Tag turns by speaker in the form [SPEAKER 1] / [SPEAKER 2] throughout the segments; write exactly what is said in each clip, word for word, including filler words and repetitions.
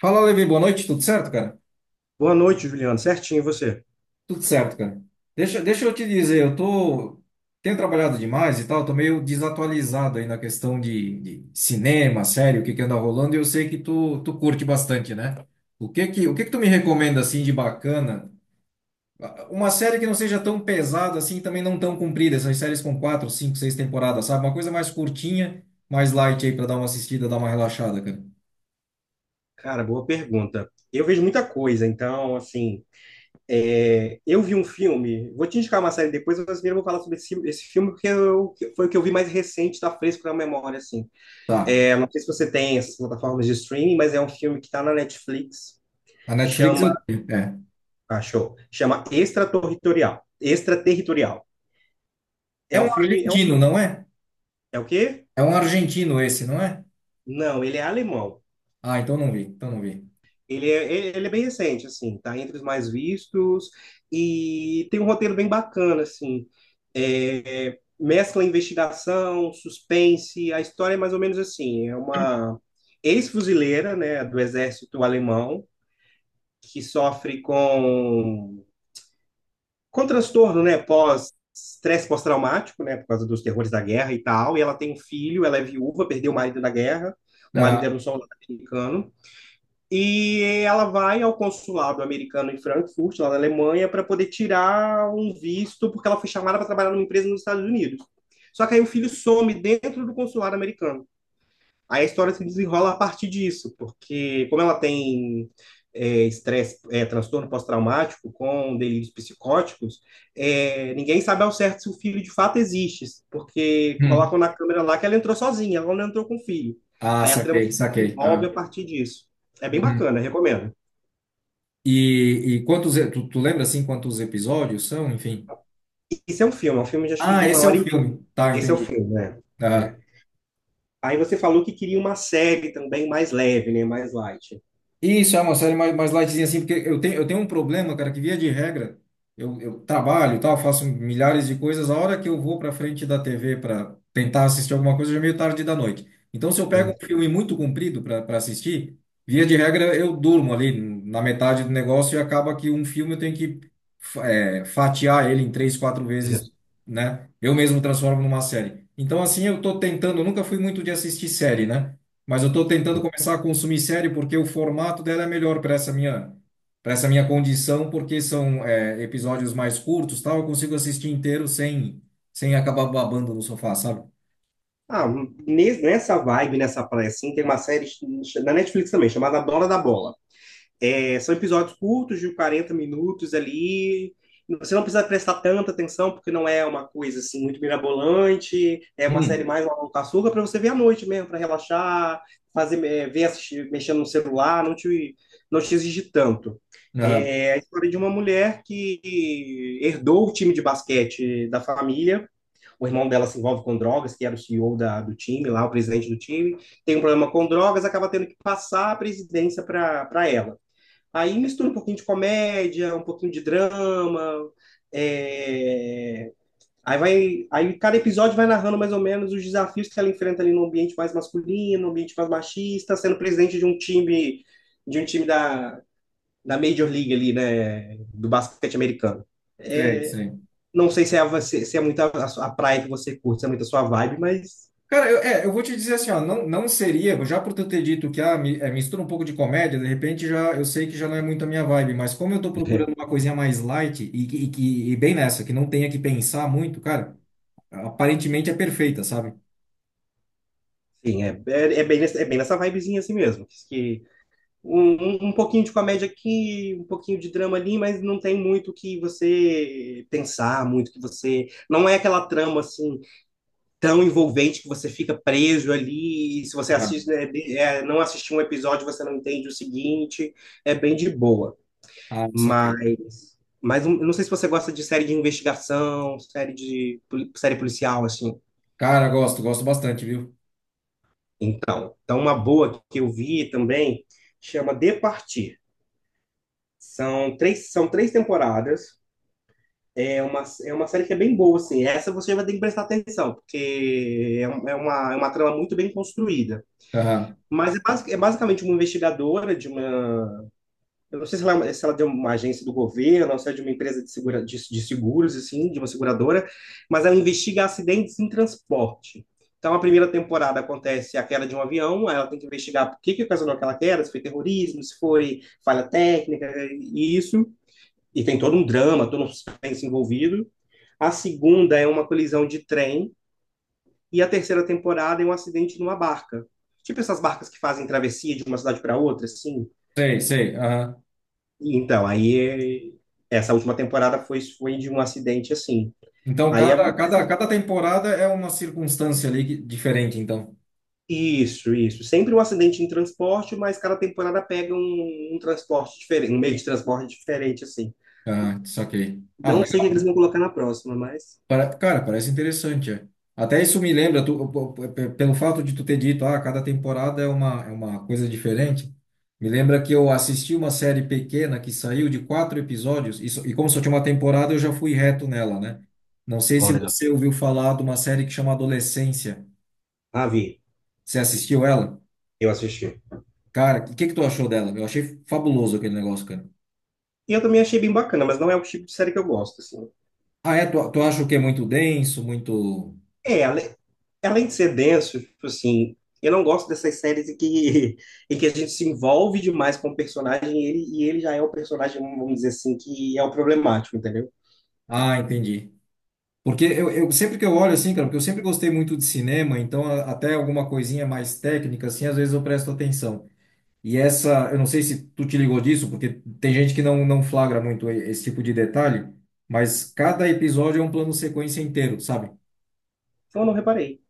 [SPEAKER 1] Fala, Levi, boa noite, tudo certo, cara?
[SPEAKER 2] Boa noite, Juliano. Certinho, e você?
[SPEAKER 1] Tudo certo, cara. Deixa, deixa eu te dizer, eu tô, tenho trabalhado demais e tal, tô meio desatualizado aí na questão de, de cinema, série, o que que anda rolando, e eu sei que tu, tu curte bastante, né? O que que, o que que tu me recomenda, assim, de bacana? Uma série que não seja tão pesada, assim, e também não tão comprida, essas séries com quatro, cinco, seis temporadas, sabe? Uma coisa mais curtinha, mais light aí pra dar uma assistida, dar uma relaxada, cara.
[SPEAKER 2] Cara, boa pergunta. Eu vejo muita coisa, então, assim, é, eu vi um filme, vou te indicar uma série depois, mas primeiro eu vou falar sobre esse, esse filme, porque eu- que foi o que eu vi mais recente, tá fresco na memória, assim.
[SPEAKER 1] Tá.
[SPEAKER 2] É, não sei se você tem essas plataformas de streaming, mas é um filme que tá na Netflix,
[SPEAKER 1] A Netflix
[SPEAKER 2] chama,
[SPEAKER 1] eu tenho, é.
[SPEAKER 2] ah, show, chama Extraterritorial. Extraterritorial.
[SPEAKER 1] É
[SPEAKER 2] É um
[SPEAKER 1] um
[SPEAKER 2] filme, é, um,
[SPEAKER 1] argentino, não é?
[SPEAKER 2] é o quê?
[SPEAKER 1] É um argentino esse, não é?
[SPEAKER 2] Não, ele é alemão.
[SPEAKER 1] Ah, então não vi, então não vi.
[SPEAKER 2] Ele é, ele ele é bem recente, assim, tá entre os mais vistos e tem um roteiro bem bacana, assim. É, é, mescla investigação, suspense. A história é mais ou menos assim, é uma ex-fuzileira, né, do exército alemão que sofre com com transtorno, né, pós estresse pós-traumático, né, por causa dos terrores da guerra e tal, e ela tem um filho, ela é viúva, perdeu o marido na guerra, o marido
[SPEAKER 1] Aham.
[SPEAKER 2] era um soldado americano, e ela vai ao consulado americano em Frankfurt, lá na Alemanha, para poder tirar um visto, porque ela foi chamada para trabalhar numa empresa nos Estados Unidos. Só que aí o filho some dentro do consulado americano. Aí a história se desenrola a partir disso, porque como ela tem é, estresse, é, transtorno pós-traumático com delírios psicóticos, é, ninguém sabe ao certo se o filho de fato existe, porque
[SPEAKER 1] Hum.
[SPEAKER 2] colocam na câmera lá que ela entrou sozinha, ela não entrou com o filho.
[SPEAKER 1] Ah,
[SPEAKER 2] Aí a trama
[SPEAKER 1] saquei,
[SPEAKER 2] se
[SPEAKER 1] saquei.
[SPEAKER 2] desenvolve
[SPEAKER 1] Aham.
[SPEAKER 2] a partir disso. É bem
[SPEAKER 1] Uhum.
[SPEAKER 2] bacana, recomendo.
[SPEAKER 1] E, e quantos, e- tu, tu lembra assim quantos episódios são, enfim?
[SPEAKER 2] Esse é um filme, é um filme de, acho que de
[SPEAKER 1] Ah,
[SPEAKER 2] uma
[SPEAKER 1] esse é o
[SPEAKER 2] hora e meia.
[SPEAKER 1] filme. Tá,
[SPEAKER 2] Esse é o
[SPEAKER 1] entendi.
[SPEAKER 2] filme, né? É. Aí você falou que queria uma série também mais leve, né? Mais light.
[SPEAKER 1] Isso, é uma série mais, mais lightzinha assim, porque eu tenho, eu tenho um problema, cara, que via de regra, eu, eu trabalho e tal, faço milhares de coisas, a hora que eu vou pra frente da T V para tentar assistir alguma coisa, já é meio tarde da noite. Então, se eu pego
[SPEAKER 2] Um,
[SPEAKER 1] um filme muito comprido para para assistir, via de regra eu durmo ali na metade do negócio e acaba que um filme eu tenho que fa- é, fatiar ele em três, quatro vezes, né? Eu mesmo transformo numa série. Então, assim, eu tô tentando, eu nunca fui muito de assistir série, né? Mas eu estou tentando começar a consumir série porque o formato dela é melhor para essa minha, para essa minha condição, porque são é, episódios mais curtos, tal. Eu consigo assistir inteiro sem, sem acabar babando no sofá, sabe?
[SPEAKER 2] Ah, nes- nessa vibe, nessa praia, assim, tem uma série ch- na Netflix também, chamada Dona da Bola. É, são episódios curtos, de quarenta minutos ali. Você não precisa prestar tanta atenção, porque não é uma coisa, assim, muito mirabolante. É uma série
[SPEAKER 1] Hum.
[SPEAKER 2] mais uma com açúcar para você ver à noite mesmo, para relaxar, fazer, é, ver, assistir, mexendo no celular, não te, não te exige tanto.
[SPEAKER 1] Aham.
[SPEAKER 2] É a história de uma mulher que herdou o time de basquete da família. O irmão dela se envolve com drogas, que era o CEO da, do time, lá o presidente do time, tem um problema com drogas, acaba tendo que passar a presidência para ela. Aí mistura um pouquinho de comédia, um pouquinho de drama, é... aí vai, aí cada episódio vai narrando mais ou menos os desafios que ela enfrenta ali no ambiente mais masculino, no ambiente mais machista, sendo presidente de um time de um time da, da Major League ali, né, do basquete americano.
[SPEAKER 1] Sei,
[SPEAKER 2] É,
[SPEAKER 1] sei.
[SPEAKER 2] não sei se é, você, se é muito a, a praia que você curte, se é muito a sua vibe, mas
[SPEAKER 1] Cara, eu, é, eu vou te dizer assim, ó, não, não seria, já por tu ter dito que ah, mi- é, mistura um pouco de comédia, de repente já eu sei que já não é muito a minha vibe, mas como eu tô
[SPEAKER 2] é,
[SPEAKER 1] procurando uma coisinha mais light e, que- e, que- e bem nessa, que não tenha que pensar muito, cara, aparentemente é perfeita, sabe?
[SPEAKER 2] sim, é, é, é bem, nessa- é bem nessa vibezinha assim mesmo. Que um, um um pouquinho de comédia aqui, um pouquinho de drama ali, mas não tem muito que você pensar, muito que você. Não é aquela trama assim tão envolvente que você fica preso ali. E se você assiste,
[SPEAKER 1] Aham.
[SPEAKER 2] né, de- é, não assistir um episódio, você não entende o seguinte. É bem de boa.
[SPEAKER 1] Ah, saquei.
[SPEAKER 2] Mas, mas um- eu não sei se você gosta de série de investigação, série de poli- série policial, assim.
[SPEAKER 1] Cara, gosto, gosto bastante, viu?
[SPEAKER 2] Então, então uma boa que eu vi também chama De Partir. São três, são três temporadas. É uma, é uma série que é bem boa, assim. Essa você vai ter que prestar atenção, porque é, um- é uma, é uma trama muito bem construída.
[SPEAKER 1] Aham.
[SPEAKER 2] Mas é, basic- é basicamente uma investigadora de uma. Eu não sei se ela, é- se ela é uma agência do governo, ou se é de uma empresa de, segura, de, de seguros, assim, de uma seguradora, mas ela investiga acidentes em transporte. Então, a primeira temporada acontece a queda de um avião, ela tem que investigar por que que ocasionou aquela queda, se foi terrorismo, se foi falha técnica, e isso. E tem todo um drama, todo um suspense envolvido. A segunda é uma colisão de trem, e a terceira temporada é um acidente numa barca. Tipo essas barcas que fazem travessia de uma cidade para outra, assim.
[SPEAKER 1] Sei, sei. Aham.
[SPEAKER 2] Então, aí é, essa última temporada foi, foi de um acidente assim.
[SPEAKER 1] Então,
[SPEAKER 2] Aí é
[SPEAKER 1] cada, cada, cada temporada é uma circunstância ali que- diferente, então.
[SPEAKER 2] isso, isso. Sempre um acidente em transporte, mas cada temporada pega um, um transporte diferente, um meio de transporte diferente, assim.
[SPEAKER 1] Ah, saquei. Ah,
[SPEAKER 2] Não sei o que
[SPEAKER 1] legal.
[SPEAKER 2] eles vão colocar na próxima, mas.
[SPEAKER 1] Para- Cara, parece interessante. É. Até isso me lembra, tu- p- p- p- pelo fato de tu ter dito, ah, cada temporada é uma, é uma coisa diferente. Me lembra que eu assisti uma série pequena que saiu de quatro episódios, e, só- e como só tinha uma temporada, eu já fui reto nela, né? Não sei se
[SPEAKER 2] Ó, legal.
[SPEAKER 1] você ouviu falar de uma série que chama Adolescência.
[SPEAKER 2] Ah, vi.
[SPEAKER 1] Você assistiu ela?
[SPEAKER 2] Eu assisti.
[SPEAKER 1] Cara, o que, que tu achou dela? Eu achei fabuloso aquele negócio, cara.
[SPEAKER 2] E eu também achei bem bacana, mas não é o tipo de série que eu gosto, assim.
[SPEAKER 1] Ah, é? Tu, tu acha o que é muito denso, muito.
[SPEAKER 2] É. É, além de ser denso, tipo assim, eu não gosto dessas séries em que, em que a gente se envolve demais com o personagem e ele, e ele já é o personagem, vamos dizer assim, que é o problemático, entendeu?
[SPEAKER 1] Ah, entendi. Porque eu, eu sempre que eu olho assim, cara, porque eu sempre gostei muito de cinema, então a- até alguma coisinha mais técnica, assim, às vezes eu presto atenção. E essa, eu não sei se tu te ligou disso, porque tem gente que não, não flagra muito e- esse tipo de detalhe, mas cada episódio é um plano sequência inteiro, sabe?
[SPEAKER 2] Então eu não reparei.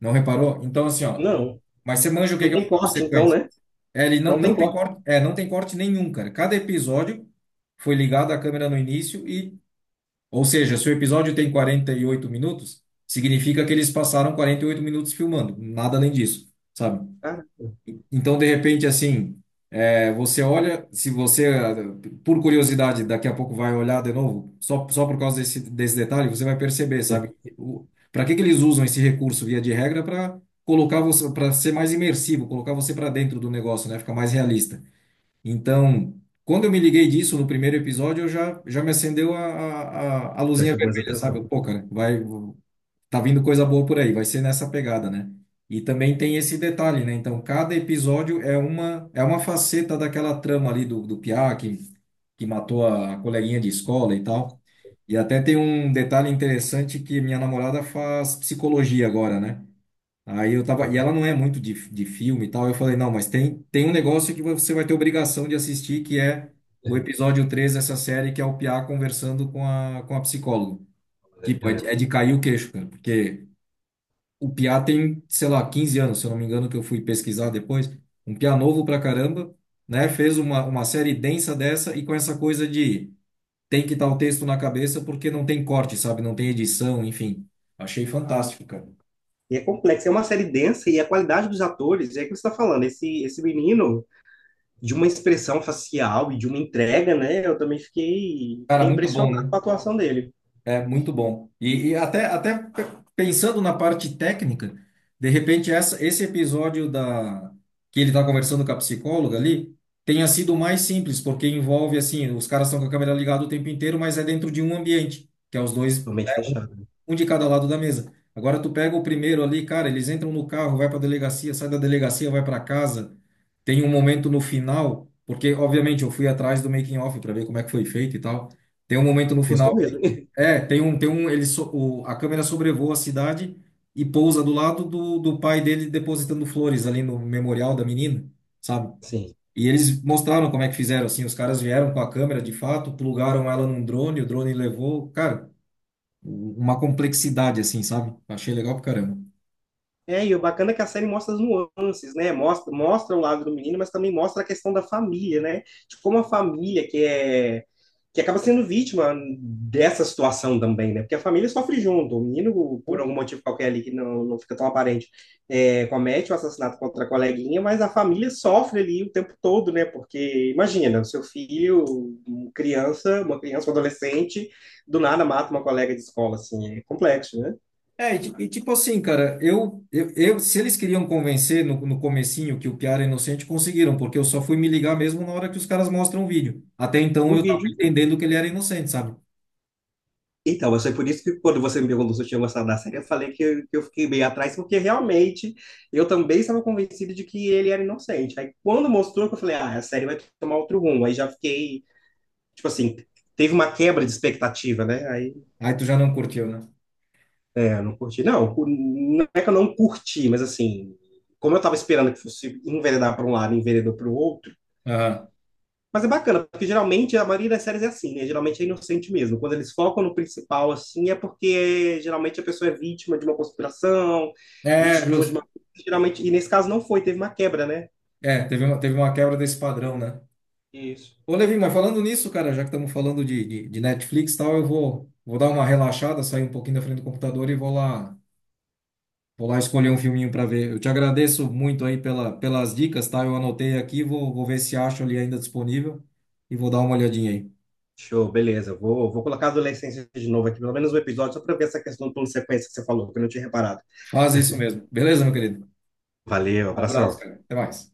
[SPEAKER 1] Não reparou? Então, assim, ó.
[SPEAKER 2] Não,
[SPEAKER 1] Mas você manja o que
[SPEAKER 2] não
[SPEAKER 1] que é um
[SPEAKER 2] tem
[SPEAKER 1] plano
[SPEAKER 2] corte, então,
[SPEAKER 1] sequência?
[SPEAKER 2] né?
[SPEAKER 1] É, ele não,
[SPEAKER 2] Não tem
[SPEAKER 1] não tem
[SPEAKER 2] corte.
[SPEAKER 1] corte, é, não tem corte nenhum, cara. Cada episódio foi ligado à câmera no início e, ou seja, se o episódio tem quarenta e oito minutos, significa que eles passaram quarenta e oito minutos filmando, nada além disso, sabe?
[SPEAKER 2] Cara,
[SPEAKER 1] Então, de repente, assim, é, você olha, se você, ah, por curiosidade, daqui a pouco vai olhar de novo, só, só por causa desse, desse detalhe, você vai perceber, sabe? Para que que eles usam esse recurso via de regra para colocar você, para ser mais imersivo, colocar você para dentro do negócio, né? Ficar mais realista. Então, quando eu me liguei disso no primeiro episódio, eu já, já me acendeu a, a, a a
[SPEAKER 2] já
[SPEAKER 1] luzinha
[SPEAKER 2] chamou mais
[SPEAKER 1] vermelha, sabe?
[SPEAKER 2] atenção.
[SPEAKER 1] Eu, pô, cara, vai, tá vindo coisa boa por aí, vai ser nessa pegada, né? E também tem esse detalhe, né? Então, cada episódio é uma, é uma faceta daquela trama ali do, do Piá, que, que matou a coleguinha de escola e tal. E até tem um detalhe interessante que minha namorada faz psicologia agora, né? Aí eu tava, e
[SPEAKER 2] Ah,
[SPEAKER 1] ela não é muito de, de filme e tal. Eu falei, não, mas tem, tem um negócio que você vai ter obrigação de assistir, que é o episódio três dessa série, que é o Piá conversando com a, com a psicóloga. Tipo, é de,
[SPEAKER 2] relembra.
[SPEAKER 1] é de cair o queixo, cara, porque o Piá tem, sei lá, quinze anos, se eu não me engano, que eu fui pesquisar depois. Um Piá novo pra caramba, né? Fez uma, uma série densa dessa e com essa coisa de tem que estar o texto na cabeça porque não tem corte, sabe? Não tem edição, enfim. Achei fantástico, cara.
[SPEAKER 2] E é complexo, é uma série densa e a qualidade dos atores, é o que você está falando, esse, esse menino, de uma expressão facial e de uma entrega, né? Eu também fiquei,
[SPEAKER 1] Cara,
[SPEAKER 2] fiquei
[SPEAKER 1] muito
[SPEAKER 2] impressionado
[SPEAKER 1] bom,
[SPEAKER 2] com
[SPEAKER 1] né?
[SPEAKER 2] a atuação dele.
[SPEAKER 1] É muito bom. E, e até, até pe- pensando na parte técnica, de repente essa, esse episódio da que ele está conversando com a psicóloga ali tenha sido mais simples, porque envolve assim, os caras estão com a câmera ligada o tempo inteiro, mas é dentro de um ambiente, que é os dois,
[SPEAKER 2] Realmente fechado.
[SPEAKER 1] um de cada lado da mesa. Agora tu pega o primeiro ali, cara, eles entram no carro, vai para a delegacia, sai da delegacia, vai para casa. Tem um momento no final, porque obviamente eu fui atrás do making of para ver como é que foi feito e tal. Tem um momento no final
[SPEAKER 2] Gostou mesmo.
[SPEAKER 1] é, tem um, tem um, ele so- o- a câmera sobrevoa a cidade e pousa do lado do, do pai dele depositando flores ali no memorial da menina, sabe?
[SPEAKER 2] Sim.
[SPEAKER 1] E eles mostraram como é que fizeram, assim, os caras vieram com a câmera, de fato, plugaram ela num drone, o drone levou, cara, uma complexidade, assim, sabe? Achei legal pra caramba.
[SPEAKER 2] É, e o bacana é que a série mostra as nuances, né? Mostra, mostra o lado do menino, mas também mostra a questão da família, né? De como a família que é que acaba sendo vítima dessa situação também, né? Porque a família sofre junto. O menino, por algum motivo qualquer ali que não, não fica tão aparente, é, comete o assassinato contra a coleguinha, mas a família sofre ali o tempo todo, né? Porque imagina, o seu filho, um criança, uma criança, um adolescente, do nada mata uma colega de escola, assim, é complexo, né?
[SPEAKER 1] É, e, ti- e tipo assim, cara, eu, eu, eu- se eles queriam convencer no, no comecinho que o Piara é inocente, conseguiram, porque eu só fui me ligar mesmo na hora que os caras mostram o vídeo. Até então
[SPEAKER 2] O
[SPEAKER 1] eu tava
[SPEAKER 2] vídeo.
[SPEAKER 1] entendendo que ele era inocente, sabe?
[SPEAKER 2] Então, mas foi por isso que quando você me perguntou se eu tinha gostado da série, eu falei que eu, que eu fiquei bem atrás, porque realmente eu também estava convencido de que ele era inocente. Aí quando mostrou, que eu falei, ah, a série vai tomar outro rumo. Aí já fiquei, tipo assim, teve uma quebra de expectativa, né? Aí
[SPEAKER 1] Aí tu já não curtiu, né?
[SPEAKER 2] é, não curti. Não, não é que eu não curti, mas assim, como eu estava esperando que fosse enveredar para um lado e enveredou para o outro.
[SPEAKER 1] Aham.
[SPEAKER 2] Mas é bacana, porque geralmente a maioria das séries é assim, né? Geralmente é inocente mesmo. Quando eles focam no principal, assim, é porque é, geralmente a pessoa é vítima de uma conspiração,
[SPEAKER 1] É,
[SPEAKER 2] vítima de
[SPEAKER 1] justo.
[SPEAKER 2] uma. Geralmente, e nesse caso não foi, teve uma quebra, né?
[SPEAKER 1] É, teve uma, teve uma quebra desse padrão, né?
[SPEAKER 2] Isso.
[SPEAKER 1] Ô, Levi, mas falando nisso, cara, já que estamos falando de, de, de Netflix e tal, eu vou, vou dar uma relaxada, sair um pouquinho da frente do computador e vou lá, vou lá escolher um filminho para ver. Eu te agradeço muito aí pela, pelas dicas, tá? Eu anotei aqui, vou, vou ver se acho ali ainda disponível e vou dar uma olhadinha aí.
[SPEAKER 2] Show, beleza. Vou, vou colocar a adolescência de novo aqui, pelo menos um episódio, só para ver essa questão do plano sequência que você falou, que eu não tinha reparado.
[SPEAKER 1] Faz isso mesmo. Beleza, meu querido?
[SPEAKER 2] Valeu,
[SPEAKER 1] Abraço,
[SPEAKER 2] abração.
[SPEAKER 1] cara. Até mais.